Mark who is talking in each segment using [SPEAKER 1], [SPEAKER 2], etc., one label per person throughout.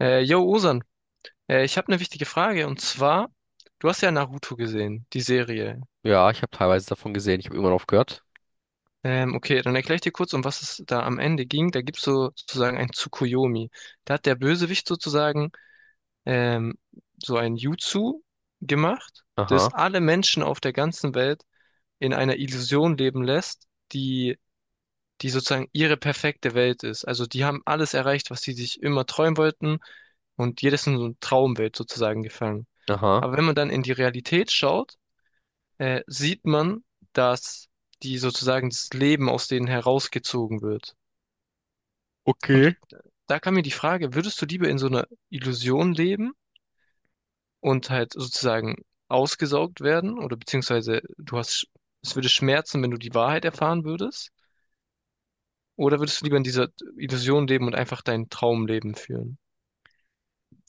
[SPEAKER 1] Yo, Osan, ich habe eine wichtige Frage und zwar, du hast ja Naruto gesehen, die Serie.
[SPEAKER 2] Ja, ich habe teilweise davon gesehen. Ich habe irgendwann aufgehört.
[SPEAKER 1] Okay, dann erkläre ich dir kurz, um was es da am Ende ging. Da gibt's so sozusagen ein Tsukuyomi. Da hat der Bösewicht sozusagen ähm, so ein Jutsu gemacht, das
[SPEAKER 2] Aha,
[SPEAKER 1] alle Menschen auf der ganzen Welt in einer Illusion leben lässt, die sozusagen ihre perfekte Welt ist. Also die haben alles erreicht, was sie sich immer träumen wollten, und jedes in so eine Traumwelt sozusagen gefangen.
[SPEAKER 2] aha.
[SPEAKER 1] Aber wenn man dann in die Realität schaut, sieht man, dass die sozusagen das Leben aus denen herausgezogen wird. Und
[SPEAKER 2] Okay.
[SPEAKER 1] da kam mir die Frage, würdest du lieber in so einer Illusion leben und halt sozusagen ausgesaugt werden, oder beziehungsweise du hast, es würde schmerzen, wenn du die Wahrheit erfahren würdest? Oder würdest du lieber in dieser Illusion leben und einfach dein Traumleben führen?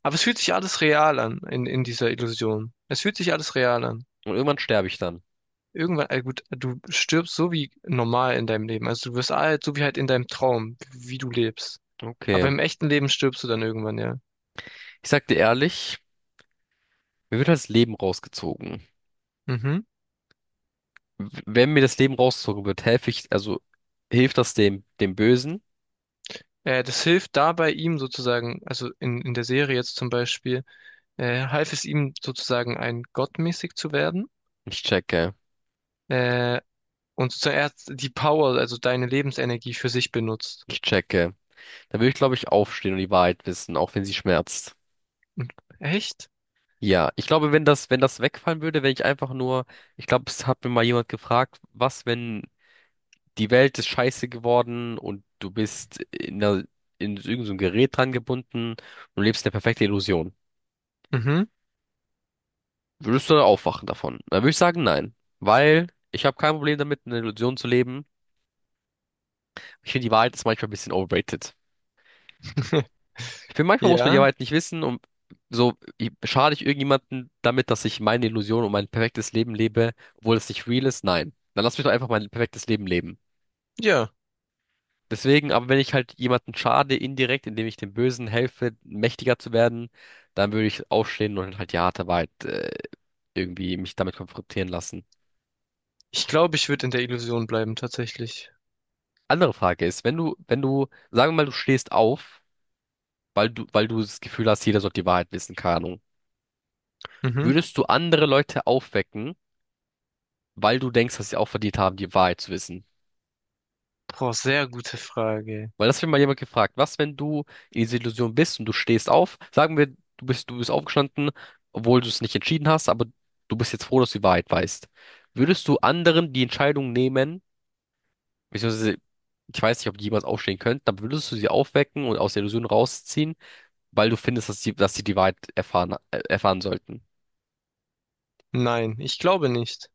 [SPEAKER 1] Aber es fühlt sich alles real an in dieser Illusion. Es fühlt sich alles real an.
[SPEAKER 2] Und irgendwann sterbe ich dann.
[SPEAKER 1] Irgendwann, gut, du stirbst so wie normal in deinem Leben. Also du wirst alt, so wie halt in deinem Traum, wie du lebst.
[SPEAKER 2] Okay.
[SPEAKER 1] Aber im echten Leben stirbst du dann irgendwann, ja.
[SPEAKER 2] Ich sag dir ehrlich, mir wird halt das Leben rausgezogen.
[SPEAKER 1] Mhm.
[SPEAKER 2] Wenn mir das Leben rausgezogen wird, helfe ich, also hilft das dem Bösen?
[SPEAKER 1] Das hilft dabei ihm sozusagen, also in der Serie jetzt zum Beispiel, half es ihm sozusagen ein gottmäßig zu werden.
[SPEAKER 2] Ich checke.
[SPEAKER 1] Äh, und sozusagen er hat die Power, also deine Lebensenergie für sich benutzt.
[SPEAKER 2] Ich checke. Dann würde ich, glaube ich, aufstehen und die Wahrheit wissen, auch wenn sie schmerzt.
[SPEAKER 1] Und- echt?
[SPEAKER 2] Ja, ich glaube, wenn das wegfallen würde, wenn ich einfach nur, ich glaube, es hat mir mal jemand gefragt, was, wenn die Welt ist scheiße geworden und du bist in irgend so ein Gerät dran gebunden und lebst eine perfekte Illusion.
[SPEAKER 1] Mhm.
[SPEAKER 2] Würdest du dann aufwachen davon? Dann würde ich sagen, nein. Weil ich habe kein Problem damit, in einer Illusion zu leben. Ich finde, die Wahrheit ist manchmal ein bisschen overrated. Ich finde, manchmal muss man die
[SPEAKER 1] Ja,
[SPEAKER 2] Wahrheit nicht wissen und so, schade ich irgendjemanden damit, dass ich meine Illusion und mein perfektes Leben lebe, obwohl es nicht real ist? Nein. Dann lass mich doch einfach mein perfektes Leben leben.
[SPEAKER 1] ja.
[SPEAKER 2] Deswegen, aber wenn ich halt jemanden schade indirekt, indem ich dem Bösen helfe, mächtiger zu werden, dann würde ich aufstehen und halt die harte Wahrheit irgendwie mich damit konfrontieren lassen.
[SPEAKER 1] Ich glaube, ich würde in der Illusion bleiben, tatsächlich.
[SPEAKER 2] Andere Frage ist, wenn du, sagen wir mal, du stehst auf, weil du das Gefühl hast, jeder sollte die Wahrheit wissen, keine Ahnung.
[SPEAKER 1] Mhm.
[SPEAKER 2] Würdest du andere Leute aufwecken, weil du denkst, dass sie auch verdient haben, die Wahrheit zu wissen?
[SPEAKER 1] Boah, sehr gute Frage.
[SPEAKER 2] Weil das hat mich mal jemand gefragt, was, wenn du in dieser Illusion bist und du stehst auf, sagen wir, du bist aufgestanden, obwohl du es nicht entschieden hast, aber du bist jetzt froh, dass du die Wahrheit weißt. Würdest du anderen die Entscheidung nehmen, beziehungsweise, ich weiß nicht, ob die jemals aufstehen könnten, aber würdest du sie aufwecken und aus der Illusion rausziehen, weil du findest, dass sie die Wahrheit erfahren sollten?
[SPEAKER 1] Nein, ich glaube nicht.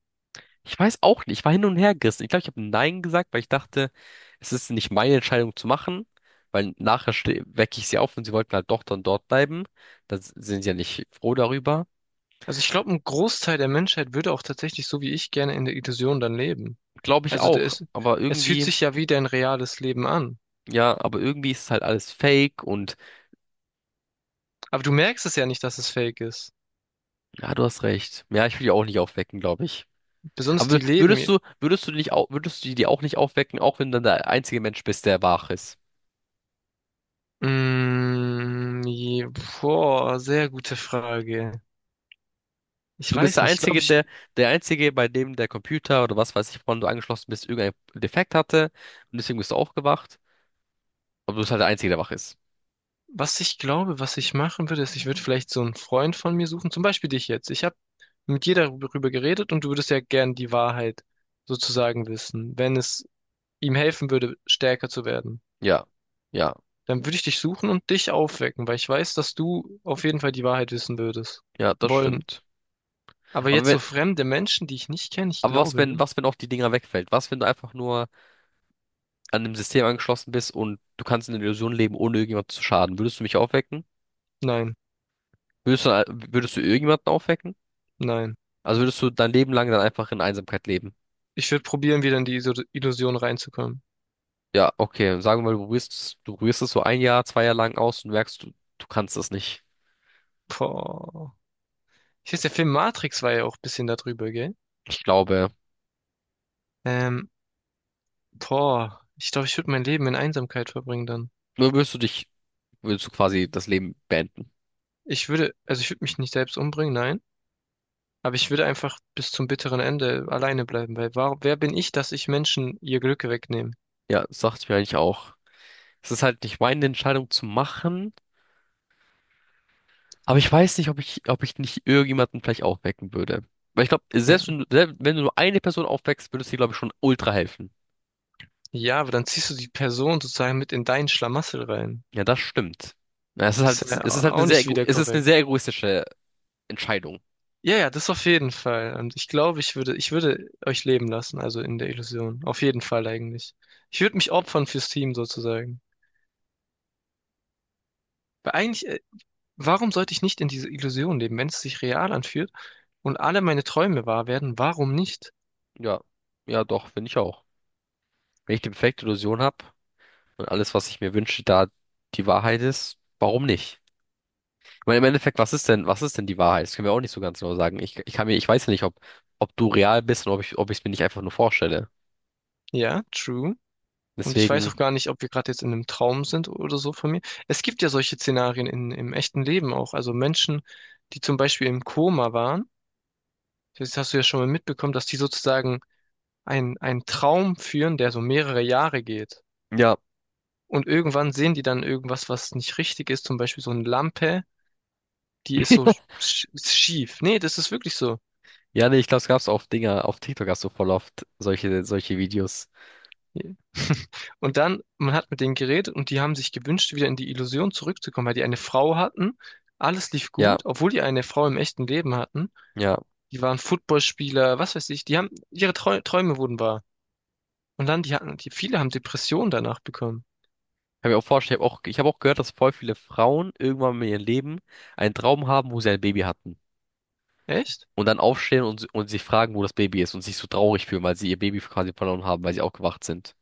[SPEAKER 2] Ich weiß auch nicht, ich war hin und her gerissen. Ich glaube, ich habe Nein gesagt, weil ich dachte, es ist nicht meine Entscheidung zu machen, weil nachher wecke ich sie auf und sie wollten halt doch dann dort bleiben. Da sind sie ja nicht froh darüber.
[SPEAKER 1] Also ich glaube, ein Großteil der Menschheit würde auch tatsächlich so wie ich gerne in der Illusion dann leben.
[SPEAKER 2] Glaube ich
[SPEAKER 1] Also
[SPEAKER 2] auch, aber
[SPEAKER 1] es fühlt
[SPEAKER 2] irgendwie,
[SPEAKER 1] sich ja wie dein reales Leben an.
[SPEAKER 2] ja, aber irgendwie ist es halt alles fake und
[SPEAKER 1] Aber du merkst es ja nicht, dass es fake ist.
[SPEAKER 2] ja, du hast recht. Ja, ich will die auch nicht aufwecken, glaube ich.
[SPEAKER 1] Besonders
[SPEAKER 2] Aber
[SPEAKER 1] die leben.
[SPEAKER 2] würdest du die auch nicht aufwecken, auch wenn du dann der einzige Mensch bist, der wach ist?
[SPEAKER 1] Mm, je- boah, sehr gute Frage. Ich
[SPEAKER 2] Du bist
[SPEAKER 1] weiß
[SPEAKER 2] der
[SPEAKER 1] nicht.
[SPEAKER 2] Einzige, der, der Einzige, bei dem der Computer oder was weiß ich, woran du angeschlossen bist, irgendein Defekt hatte. Und deswegen bist du aufgewacht. Aber du bist halt der Einzige, der wach ist.
[SPEAKER 1] Was ich glaube, was ich machen würde, ist, ich würde vielleicht so einen Freund von mir suchen. Zum Beispiel dich jetzt. Ich habe mit dir darüber geredet und du würdest ja gern die Wahrheit sozusagen wissen, wenn es ihm helfen würde, stärker zu werden,
[SPEAKER 2] Ja. Ja.
[SPEAKER 1] dann würde ich dich suchen und dich aufwecken, weil ich weiß, dass du auf jeden Fall die Wahrheit wissen würdest.
[SPEAKER 2] Ja, das
[SPEAKER 1] Wollen.
[SPEAKER 2] stimmt.
[SPEAKER 1] Aber
[SPEAKER 2] Aber
[SPEAKER 1] jetzt
[SPEAKER 2] wenn,
[SPEAKER 1] so fremde Menschen, die ich nicht kenne, ich glaube nicht.
[SPEAKER 2] was, wenn auch die Dinger wegfällt? Was, wenn du einfach nur an dem System angeschlossen bist und du kannst in der Illusion leben, ohne irgendjemand zu schaden? Würdest du mich aufwecken?
[SPEAKER 1] Nein,
[SPEAKER 2] Würdest du, würdest du irgendjemanden aufwecken?
[SPEAKER 1] nein.
[SPEAKER 2] Also würdest du dein Leben lang dann einfach in Einsamkeit leben?
[SPEAKER 1] Ich würde probieren, wieder in die Illusion reinzukommen.
[SPEAKER 2] Ja, okay. Sagen wir mal, du probierst es so ein Jahr, zwei Jahre lang aus und merkst, du kannst das nicht.
[SPEAKER 1] Boah. Ich weiß, der Film Matrix war ja auch ein bisschen darüber, gell?
[SPEAKER 2] Ich glaube,
[SPEAKER 1] Ähm, boah. Ich glaube, ich würde mein Leben in Einsamkeit verbringen dann.
[SPEAKER 2] nur würdest du quasi das Leben beenden.
[SPEAKER 1] Also ich würde mich nicht selbst umbringen, nein. Aber ich würde einfach bis zum bitteren Ende alleine bleiben, weil warum, wer bin ich, dass ich Menschen ihr Glück wegnehme?
[SPEAKER 2] Ja, das dachte ich mir eigentlich auch. Es ist halt nicht meine Entscheidung zu machen, aber ich weiß nicht, ob ich nicht irgendjemanden vielleicht aufwecken würde. Weil ich glaube,
[SPEAKER 1] Ja.
[SPEAKER 2] selbst wenn du nur eine Person aufweckst, würde es dir, glaube ich, schon ultra helfen.
[SPEAKER 1] Ja, aber dann ziehst du die Person sozusagen mit in deinen Schlamassel rein.
[SPEAKER 2] Ja, das stimmt. Ja,
[SPEAKER 1] Das ist ja
[SPEAKER 2] es ist halt eine
[SPEAKER 1] auch
[SPEAKER 2] sehr,
[SPEAKER 1] nicht wieder
[SPEAKER 2] es ist eine
[SPEAKER 1] korrekt.
[SPEAKER 2] sehr egoistische Entscheidung.
[SPEAKER 1] Ja, ja, das auf jeden Fall. Und ich glaube, ich würde euch leben lassen, also in der Illusion. Auf jeden Fall eigentlich. Ich würde mich opfern fürs Team sozusagen. Weil eigentlich, warum sollte ich nicht in diese Illusion leben, wenn es sich real anfühlt und alle meine Träume wahr werden? Warum nicht?
[SPEAKER 2] Ja, ja, doch, finde ich auch. Wenn ich die perfekte Illusion habe und alles, was ich mir wünsche, da die Wahrheit ist, warum nicht? Ich meine, im Endeffekt, was ist denn die Wahrheit? Das können wir auch nicht so ganz genau sagen. Ich kann mir, ich weiß ja nicht, ob du real bist und ob ich es mir nicht einfach nur vorstelle.
[SPEAKER 1] Ja, true. Und ich weiß
[SPEAKER 2] Deswegen,
[SPEAKER 1] auch gar nicht, ob wir gerade jetzt in einem Traum sind oder so von mir. Es gibt ja solche Szenarien im echten Leben auch. Also Menschen, die zum Beispiel im Koma waren, das hast du ja schon mal mitbekommen, dass die sozusagen einen Traum führen, der so mehrere Jahre geht.
[SPEAKER 2] ja.
[SPEAKER 1] Und irgendwann sehen die dann irgendwas, was nicht richtig ist, zum Beispiel so eine Lampe, die ist so schief. Nee, das ist wirklich so.
[SPEAKER 2] Ja, nee, ich glaube, es gab's auf Dinger, auf TikTok hast du voll oft solche Videos.
[SPEAKER 1] Ja. Und dann, man hat mit denen geredet und die haben sich gewünscht, wieder in die Illusion zurückzukommen, weil die eine Frau hatten. Alles lief
[SPEAKER 2] Ja,
[SPEAKER 1] gut, obwohl die eine Frau im echten Leben hatten.
[SPEAKER 2] ja.
[SPEAKER 1] Die waren Footballspieler, was weiß ich. Die haben, ihre Trau Träume wurden wahr. Und dann, viele haben Depressionen danach bekommen.
[SPEAKER 2] Kann mir auch vorstellen, ich hab auch gehört, dass voll viele Frauen irgendwann in ihrem Leben einen Traum haben, wo sie ein Baby hatten.
[SPEAKER 1] Echt?
[SPEAKER 2] Und dann aufstehen und sich fragen, wo das Baby ist und sich so traurig fühlen, weil sie ihr Baby quasi verloren haben, weil sie aufgewacht sind.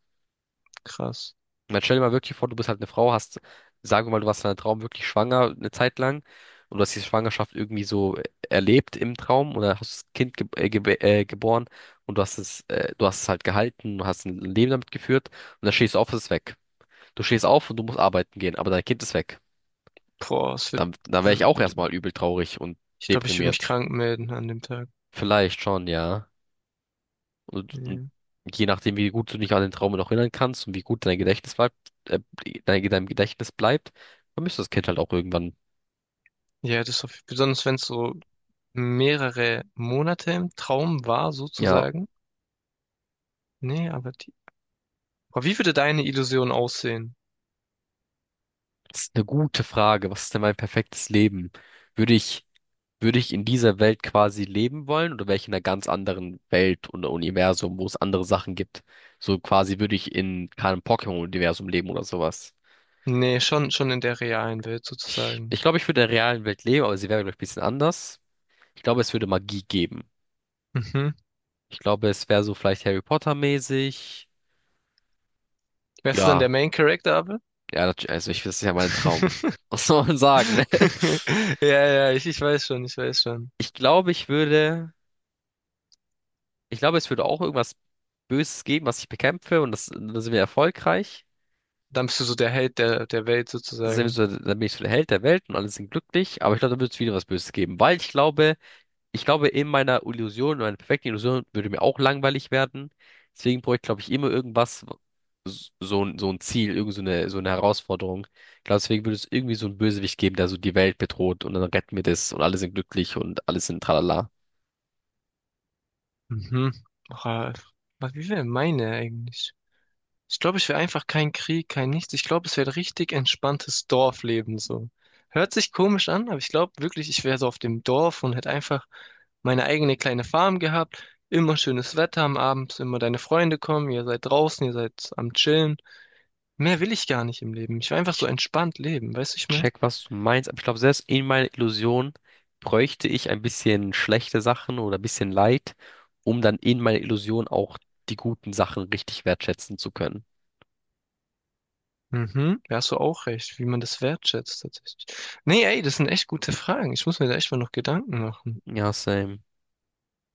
[SPEAKER 1] Krass.
[SPEAKER 2] Und dann stell dir mal wirklich vor, du bist halt eine Frau, hast, sagen wir mal, du warst in einem Traum wirklich schwanger eine Zeit lang und du hast diese Schwangerschaft irgendwie so erlebt im Traum oder hast das Kind geboren und du hast es halt gehalten, du hast ein Leben damit geführt und dann stehst du auf, es ist weg. Du stehst auf und du musst arbeiten gehen, aber dein Kind ist weg.
[SPEAKER 1] Boah, es wird,
[SPEAKER 2] Dann wäre ich auch
[SPEAKER 1] wird,
[SPEAKER 2] erstmal übel traurig und
[SPEAKER 1] ich glaube, ich würde mich
[SPEAKER 2] deprimiert.
[SPEAKER 1] krank melden an dem Tag.
[SPEAKER 2] Vielleicht schon, ja. Und
[SPEAKER 1] Ja,
[SPEAKER 2] je nachdem, wie gut du dich an den Traum noch erinnern kannst und wie gut dein Gedächtnis bleibt, äh, dein Gedächtnis bleibt, vermisst das Kind halt auch irgendwann.
[SPEAKER 1] ja das ist auf, besonders wenn es so mehrere Monate im Traum war,
[SPEAKER 2] Ja,
[SPEAKER 1] sozusagen. Nee, aber die Aber wie würde deine Illusion aussehen?
[SPEAKER 2] das ist eine gute Frage. Was ist denn mein perfektes Leben? Würde ich, würde ich in dieser Welt quasi leben wollen oder wäre ich in einer ganz anderen Welt und Universum, wo es andere Sachen gibt? So quasi würde ich in keinem Pokémon-Universum leben oder sowas.
[SPEAKER 1] Nee, schon in der realen Welt sozusagen.
[SPEAKER 2] Ich glaube, ich würde in der realen Welt leben, aber sie wäre, glaube ich, ein bisschen anders. Ich glaube, es würde Magie geben.
[SPEAKER 1] Mhm.
[SPEAKER 2] Ich glaube, es wäre so vielleicht Harry Potter-mäßig.
[SPEAKER 1] Wärst du dann der
[SPEAKER 2] Ja,
[SPEAKER 1] Main Character, aber?
[SPEAKER 2] ja, also ich, das ist ja mein Traum. Was soll man sagen, ne?
[SPEAKER 1] Ja, ja, ich weiß schon, ich weiß schon.
[SPEAKER 2] Ich glaube, ich würde, ich glaube, es würde auch irgendwas Böses geben, was ich bekämpfe und das, dann sind wir erfolgreich.
[SPEAKER 1] Dann bist du so der Held der Welt
[SPEAKER 2] Das sind wir
[SPEAKER 1] sozusagen.
[SPEAKER 2] so, dann bin ich so der Held der Welt und alle sind glücklich. Aber ich glaube, da wird es wieder was Böses geben, weil ich glaube, in meiner Illusion, in meiner perfekten Illusion würde mir auch langweilig werden. Deswegen brauche ich, glaube ich, immer irgendwas, so, so ein Ziel, so eine Herausforderung. Ich glaube, deswegen würde es irgendwie so einen Bösewicht geben, der so die Welt bedroht und dann retten wir das und alle sind glücklich und alles sind tralala.
[SPEAKER 1] Mhm. Ach, äh, was, wie wäre meine eigentlich? Ich glaube, ich will einfach keinen Krieg, kein Nichts. Ich glaube, es wäre richtig entspanntes Dorfleben so. Hört sich komisch an, aber ich glaube wirklich, ich wäre so auf dem Dorf und hätte einfach meine eigene kleine Farm gehabt. Immer schönes Wetter am Abend, immer deine Freunde kommen, ihr seid draußen, ihr seid am Chillen. Mehr will ich gar nicht im Leben. Ich will einfach so
[SPEAKER 2] Ich,
[SPEAKER 1] entspannt leben, weißt du,
[SPEAKER 2] ich
[SPEAKER 1] ich meine?
[SPEAKER 2] check, was du meinst, aber ich glaube, selbst in meiner Illusion bräuchte ich ein bisschen schlechte Sachen oder ein bisschen Leid, um dann in meiner Illusion auch die guten Sachen richtig wertschätzen zu können.
[SPEAKER 1] Mhm, da hast du auch recht, wie man das wertschätzt tatsächlich. Nee, ey, das sind echt gute Fragen. Ich muss mir da echt mal noch Gedanken machen.
[SPEAKER 2] Ja, same.